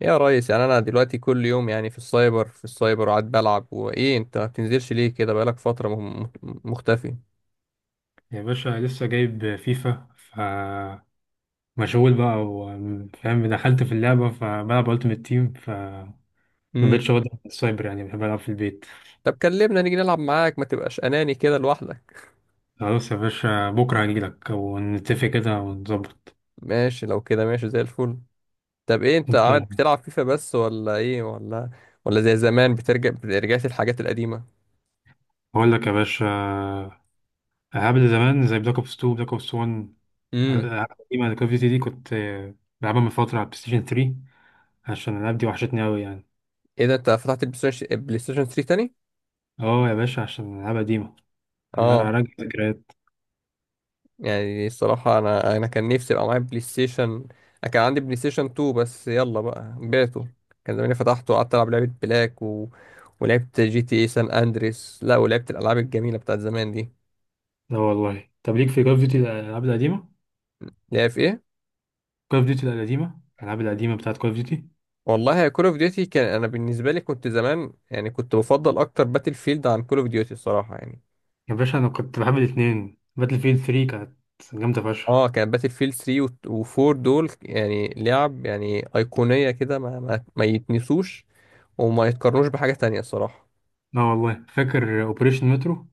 يا ريس، يعني انا دلوقتي كل يوم يعني في السايبر وقاعد بلعب، وايه انت ما بتنزلش ليه كده؟ بقالك فترة مختفي. يا باشا لسه جايب فيفا فمشغول بقى وفاهم، دخلت في اللعبة فبلعب ألتيمت تيم فمبقتش امم. واخد السايبر، يعني بحب ألعب في البيت. طب كلمنا نيجي نلعب معاك، ما تبقاش اناني كده لوحدك. خلاص يا باشا، بكرة هجيلك ونتفق كده ونظبط. ماشي، لو كده ماشي زي الفل. طب ايه، انت قاعد بتلعب فيفا بس ولا ايه، ولا زي زمان بترجع رجعت الحاجات القديمة؟ بقول لك يا باشا، ألعاب اللي زمان زي بلاك أوبس 2، بلاك أوبس 1، امم. الألعاب القديمة كول أوف ديوتي دي كنت بلعبها من فترة على بلايستيشن 3، عشان الألعاب دي وحشتني أوي يعني. ايه ده؟ انت فتحت البلاي ستيشن 3 تاني؟ اه يا باشا عشان الألعاب قديمة، أنا اه. هراجع ذكريات. يعني الصراحة أنا كان نفسي يبقى معايا بلاي ستيشن. أنا كان عندي بلاي ستيشن 2، بس يلا بقى بعته. كان زماني فتحته وقعدت ألعب لعبة بلاك ولعبت جي تي اي سان أندريس، لا، ولعبت الألعاب الجميلة بتاعت زمان دي. لا والله، طب ليك في كول أوف ديوتي الألعاب القديمة؟ اللي هي في إيه؟ كول اوف ديوتي القديمة، الألعاب القديمة بتاعت كول اوف ديوتي. والله كول أوف ديوتي كان، أنا بالنسبة لي كنت زمان يعني كنت بفضل أكتر باتل فيلد عن كول أوف ديوتي الصراحة يعني. يا باشا أنا كنت بحب الاتنين، باتل فيلد 3 كانت جامدة فشخ. اه، كان باتل فيلد 3 و4 دول يعني لعب يعني أيقونية كده، ما يتنسوش، وما يتقارنوش بحاجة تانية الصراحة. لا والله فاكر أوبريشن مترو،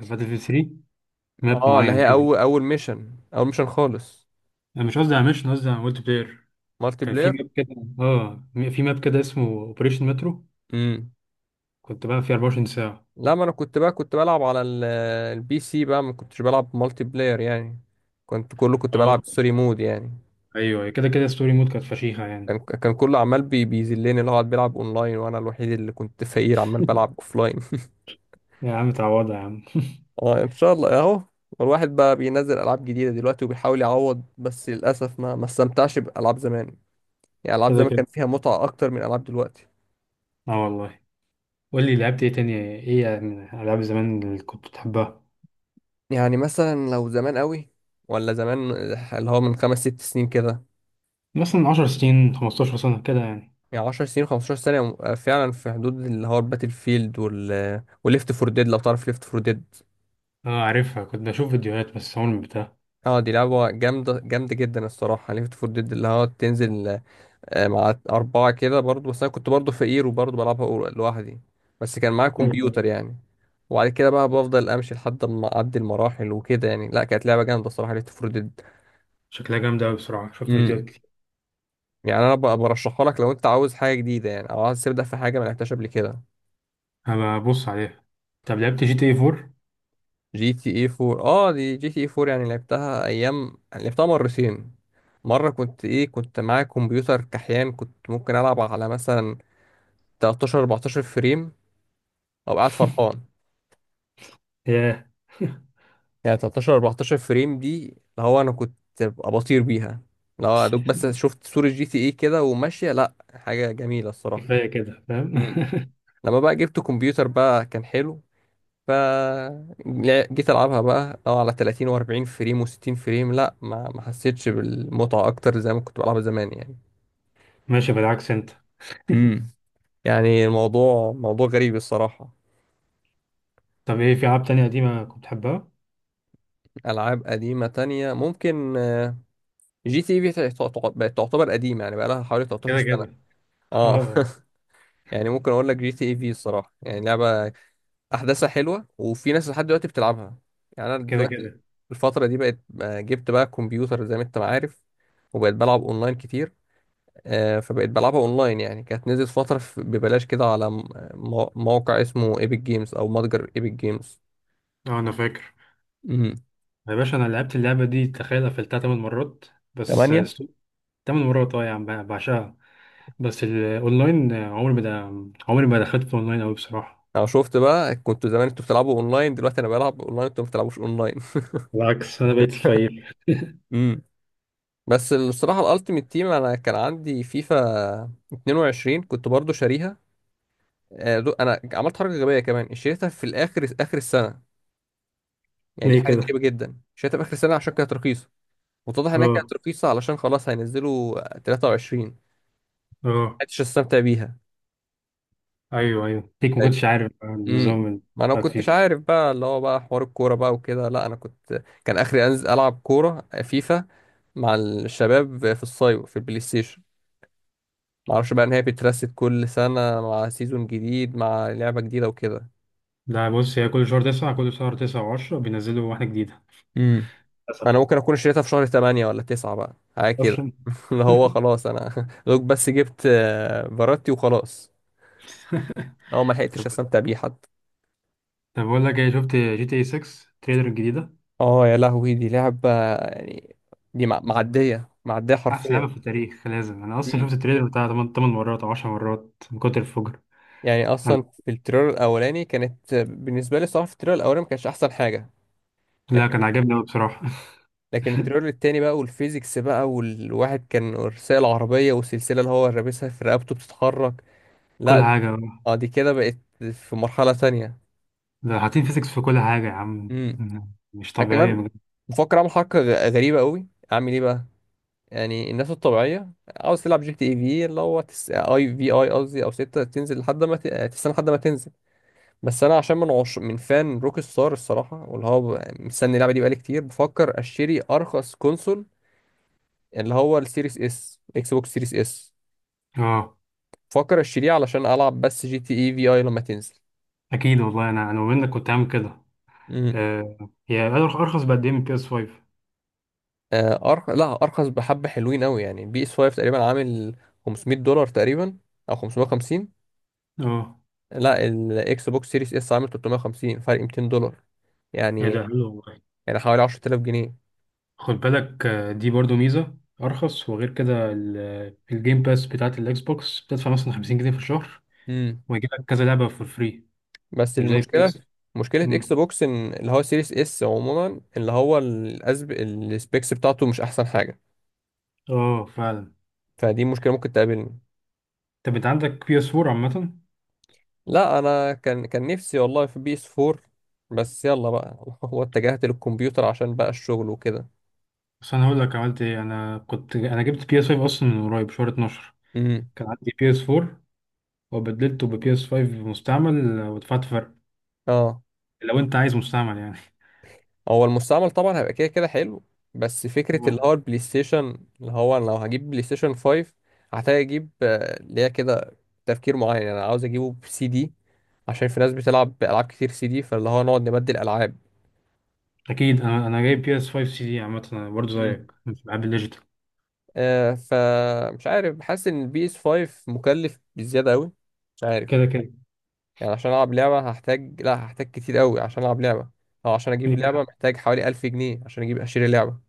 باتل فيلد 3، ماب اه، اللي معين هي كده. اول ميشن خالص. أنا مش قصدي على ميشن، قصدي على مولتي بلاير. مالتي كان في بلاير. ماب كده اه في ماب كده اسمه أوبريشن مترو، امم. كنت بعمل فيه 24 ساعة. لا، ما انا كنت بقى بلعب على البي سي بقى، ما كنتش بلعب مالتي بلاير يعني، كنت كله كنت اه بلعب ستوري مود يعني. أيوه، كده كده ستوري مود كانت فشيخة كان يعني. كان كله عمال بيذلني، اللي هو قاعد بيلعب اونلاين، وانا الوحيد اللي كنت فقير عمال بلعب اوفلاين. يا عم تعوضها يا عم. اه، ان شاء الله اهو. الواحد بقى بينزل العاب جديده دلوقتي وبيحاول يعوض، بس للاسف ما استمتعش بالعاب زمان. يعني العاب كده زمان كان كده، فيها متعه اكتر من العاب دلوقتي. اه والله. قول لي لعبت ايه تاني، ايه يعني من ألعاب زمان اللي كنت بتحبها؟ يعني مثلا لو زمان قوي، ولا زمان اللي هو من خمس ست سنين كده. مثلا 10 سنين 15 سنة كده يعني. يعني 10 سنين 15 سنة، فعلا في حدود اللي هو الباتل فيلد وليفت فور ديد، لو تعرف ليفت فور ديد. اه عارفها، كنت بشوف فيديوهات بس عمري ما بتاع. اه، دي لعبة جامدة جامدة جدا الصراحة، ليفت فور ديد اللي هو تنزل مع أربعة كده برضو، بس أنا كنت برضو فقير وبرضو بلعبها لوحدي. بس كان معايا أيوة. كمبيوتر يعني. وبعد كده بقى بفضل أمشي لحد ما أعدي المراحل وكده يعني. لا، كانت لعبة جامدة الصراحة ليفت فور شكلها جامدة أوي بصراحة، شفت فيديوهات ديد. كتير. يعني انا برشحها لك لو انت عاوز حاجه جديده يعني، او عاوز تبدا في حاجه ما لعبتهاش قبل كده. هبقى أبص عليها. طب لعبت جي تي اي 4؟ جي تي اي 4، اه، دي جي تي اي 4 يعني لعبتها ايام، لعبتها مرتين. مره كنت معايا كمبيوتر كحيان، كنت ممكن العب على مثلا 13 14 فريم، او قاعد فرحان. ياه. يعني 13 14 فريم دي اللي هو انا كنت ببقى بطير بيها. لو يا دوب بس شفت صوره جي تي اي كده وماشيه، لا، حاجه جميله الصراحه. كفاية كده فاهم مم. لما بقى جبت كمبيوتر بقى كان حلو. ف جيت العبها بقى اه على 30 و40 فريم و60 فريم، لا ما حسيتش بالمتعه اكتر زي ما كنت بلعبها زمان يعني. ماشي، بالعكس أنت. امم. يعني الموضوع موضوع غريب الصراحه. طب إيه في ألعاب تانية قديمة كنت بتحبها؟ العاب قديمه تانية ممكن، جي تي اي في بقت تعتبر قديمه يعني، بقى لها حوالي 13 كده سنه. كده اه. اه. يعني ممكن اقول لك جي تي اي في الصراحه، يعني لعبه احداثها حلوه وفي ناس لحد دلوقتي بتلعبها. يعني انا كده دلوقتي كده. الفتره دي بقت، جبت بقى كمبيوتر زي ما انت ما عارف، وبقيت بلعب اونلاين كتير. فبقيت بلعبها اونلاين يعني، كانت نزلت فترة ببلاش كده على موقع اسمه ايبك جيمز او متجر ايبك جيمز. اه أنا فاكر. امم. يا باشا أنا لعبت اللعبة دي، تخيل قفلتها تمن مرات. بس تمانية. سو- تمن مرات، اه يا عم بعشقها. بس الأونلاين، عمري ما دخلت في الأونلاين أوي بصراحة. انا شفت بقى، كنتوا زمان انتوا بتلعبوا اونلاين، دلوقتي انا بلعب اونلاين انتوا ما بتلعبوش اونلاين. بالعكس، أنا بقيت فقير. امم. بس الصراحة الالتيميت تيم، انا كان عندي فيفا 22 كنت برضو شاريها. انا عملت حركة غبية كمان، اشتريتها في الاخر اخر السنة. يعني دي ليه حاجة غريبة كده؟ جدا، اشتريتها في اخر السنة عشان كانت رخيصة. واتضح انها اه. كانت رخيصة علشان خلاص هينزلوا 23. اه عرفتش استمتع بيها ايوه ايوه، ليك ما يعني. كنتش عارف امم. النظام ما انا ما بتاعت كنتش فيفا. عارف بقى اللي هو بقى حوار الكوره بقى وكده، لا انا كان اخري انزل العب كوره فيفا مع الشباب في الصيف في البلاي ستيشن. ما اعرفش بقى ان هي بترست كل سنه مع سيزون جديد مع لعبه جديده وكده. لا بص، هي كل شهر تسعة، كل شهر تسعة وعشرة بينزلوا واحدة جديدة، امم. للاسف. ما انا ممكن اكون اشتريتها في شهر 8 ولا 9 بقى حاجه كده. اصلا. اللي هو خلاص انا دوك بس جبت فاراتي وخلاص. اه، ما لحقتش طب استمتع بيه حتى. طب بقول لك ايه، شفت جي تي اي 6 التريلر الجديدة؟ اه يا لهوي، دي لعبه يعني، دي معديه معديه احسن حرفيا. لعبة في التاريخ، لازم. انا اصلا مم. شفت التريلر بتاع 8 8 مرات او 10 مرات من كتر الفجر. يعني أنا- اصلا في التريلر الاولاني كانت بالنسبه لي الصراحه في التريلر الاولاني ما كانش احسن حاجه. لا لكن كان عاجبني قوي بصراحة. لكن التريلر التاني بقى والفيزيكس بقى، والواحد كان سايق العربيه والسلسله اللي هو لابسها في رقبته بتتحرك. كل لا. حاجة بقى. اه، دي كده بقت في مرحله تانية. ده حاطين فيزيكس في كل حاجة يا عم امم. مش ده طبيعية كمان بجد. بفكر اعمل حركه غريبه قوي، اعمل ايه بقى. يعني الناس الطبيعيه، عاوز تلعب جي تي اي في اللي هو تس... آه، اي في اي قصدي، او ستة، تنزل لحد ما ت... آه، تستنى لحد ما تنزل. بس انا عشان من فان روك ستار الصراحه، واللي هو مستني اللعبه دي بقالي كتير، بفكر اشتري ارخص كونسول، اللي هو السيريس اس اكس بوكس سيريس اس. اه بفكر اشتريه علشان العب بس جي تي اي في اي لما تنزل. اكيد والله، انا منك كنت عامل كده. امم. آه، هي ارخص بقد ايه من بي اس 5؟ لا، ارخص بحبه حلوين قوي يعني. بي اس 5 تقريبا عامل 500 دولار تقريبا، او 550. اه لا، الاكس بوكس سيريس اس عامل 350، فرق 200 دولار ايه يعني. ده حلو والله. يعني حوالي 10,000 جنيه. خد بالك، دي برضو ميزة أرخص، وغير كده الجيم باس بتاعت الإكس بوكس بتدفع مثلا 50 جنيه في الشهر، امم. ويجيلك كذا لعبة فور فري، بس مش زي بي المشكله، اس. مشكله اكس مم. بوكس ان اللي هو سيريس اس عموما اللي هو السبيكس بتاعته مش احسن حاجه. اه فعلا. فدي مشكله ممكن تقابلني. طب أنت عندك بي اس 4 عامة؟ لا، انا كان نفسي والله في بي اس 4. بس يلا بقى، هو اتجهت للكمبيوتر عشان بقى الشغل وكده. بس أنا هقول لك عملت إيه، أنا جبت بي اس 5 أصلا من قريب شهر 12. امم. كان عندي بي اس 4 وبدلته ببي اس 5 مستعمل، ودفعت فرق. اه. لو أنت عايز مستعمل يعني. هو المستعمل طبعا هيبقى كده كده حلو. بس فكرة اللي اه هو البلاي ستيشن اللي هو أنا، لو هجيب بلاي ستيشن 5، هحتاج اجيب، اللي هي كده، تفكير معين يعني. انا عاوز اجيبه بسي دي، عشان في ناس بتلعب بألعاب كتير سي دي، فاللي هو نقعد نبدل ألعاب. أكيد، أنا جايب بي اس 5 سي دي، عامة أنا برضو مم. زيك مش بحب الليجيتال. فمش عارف، بحس ان البي اس 5 مكلف بزيادة قوي. مش عارف. كده كده. يعني عشان العب لعبة هحتاج، لا، هحتاج كتير قوي عشان العب لعبة. او عشان اجيب ليك لعبة حق. محتاج حوالي 1000 جنيه عشان اجيب اشتري لعبة.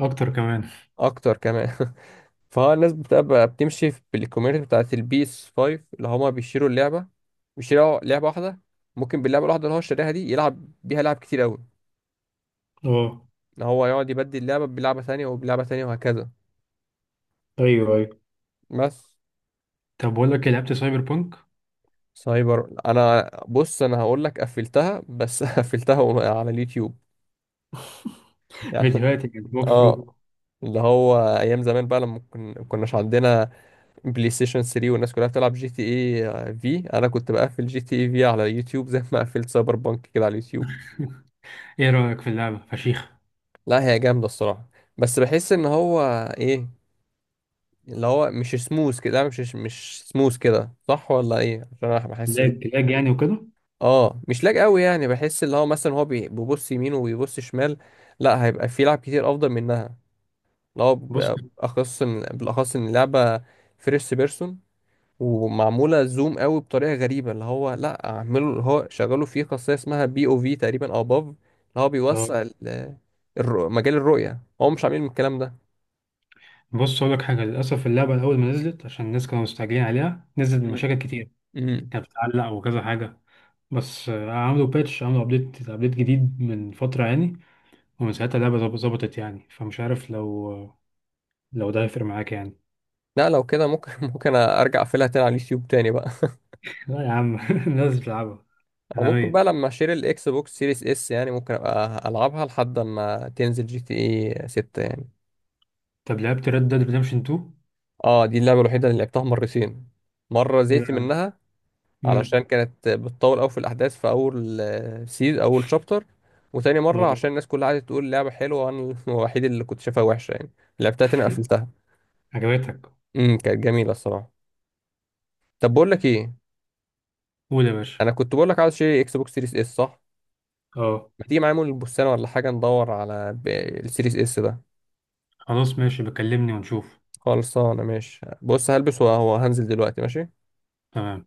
اكتر كمان. اكتر كمان. فهو الناس بتبقى بتمشي بالكوميونتي بتاعت البيس 5، اللي هما بيشيروا اللعبة، بيشيروا لعبة واحدة. ممكن باللعبة الواحدة اللي هو شاريها دي يلعب بيها لعب كتير أوي، اه إن هو يقعد يبدل لعبة بلعبة تانية وبلعبة تانية وهكذا. ايوه ايوه. بس. طب بقول لك إيه، لعبت سايبر بانك؟ سايبر، أنا بص، أنا هقول لك، قفلتها بس قفلتها على اليوتيوب. يعني، فيديوهات يعني ووك اه، ثرو. اللي هو أيام زمان بقى لما كناش عندنا بلاي ستيشن 3، والناس كلها بتلعب جي تي اي في، أنا كنت بقفل جي تي اي في على اليوتيوب زي ما قفلت سايبر بانك كده على اليوتيوب. ايه رايك في اللعبه؟ فشيخه. لا، هي جامدة الصراحة. بس بحس ان هو، ايه، اللي هو مش سموث كده، لا، مش سموث كده، صح ولا ايه؟ عشان انا بحس لاج لاج يعني وكده. اه، مش لاج قوي يعني، بحس اللي هو مثلا هو بيبص يمين وبيبص شمال. لا، هيبقى في لعب كتير افضل منها، اللي هو بص. بالاخص ان اللعبة فيرست بيرسون، ومعمولة زوم قوي بطريقة غريبة. اللي هو لا اعملوا اللي هو شغلوا فيه خاصية اسمها بي او في تقريبا او باف، اللي هو اه بيوسع مجال الرؤية. هو مش عاملين الكلام بص، اقول لك حاجه، للاسف اللعبه الاول ما نزلت عشان الناس كانوا مستعجلين عليها، نزلت ده. بمشاكل كتير. امم. كانت بتعلق وكذا حاجه. بس عملوا باتش، عملوا ابديت جديد من فتره يعني. ومن ساعتها اللعبه ظبطت يعني، فمش عارف لو ده هيفرق معاك يعني. لا لو كده ممكن ممكن ارجع اقفلها تاني على اليوتيوب تاني بقى. لا يا عم لازم تلعبها. او انا ممكن بقى مية. لما اشتري الاكس بوكس سيريس اس يعني، ممكن ابقى العبها لحد ما تنزل جي تي اي 6 يعني. طب لعبت ريد ديد ريدمشن 2؟ اه، دي اللعبه الوحيده اللي لعبتها مرتين. مره زهقت منها علشان امم. كانت بتطول قوي في الاحداث، في اول شابتر. وتاني مره اه عشان الناس كلها قعدت تقول لعبه حلوه، وانا الوحيد اللي كنت شايفها وحشه يعني. لعبتها تاني، قفلتها. عجبتك؟ امم، كانت جميله الصراحه. طب بقول لك ايه، قول يا باشا. انا كنت بقول لك عاوز اشتري اكس بوكس سيريس اس، صح؟ اه. ما تيجي معايا مول البستان ولا حاجة ندور على السيريس اس ده. خلاص ماشي، بكلمني ونشوف. خلصانة، ماشي، بص هلبس وهو هنزل دلوقتي، ماشي. تمام.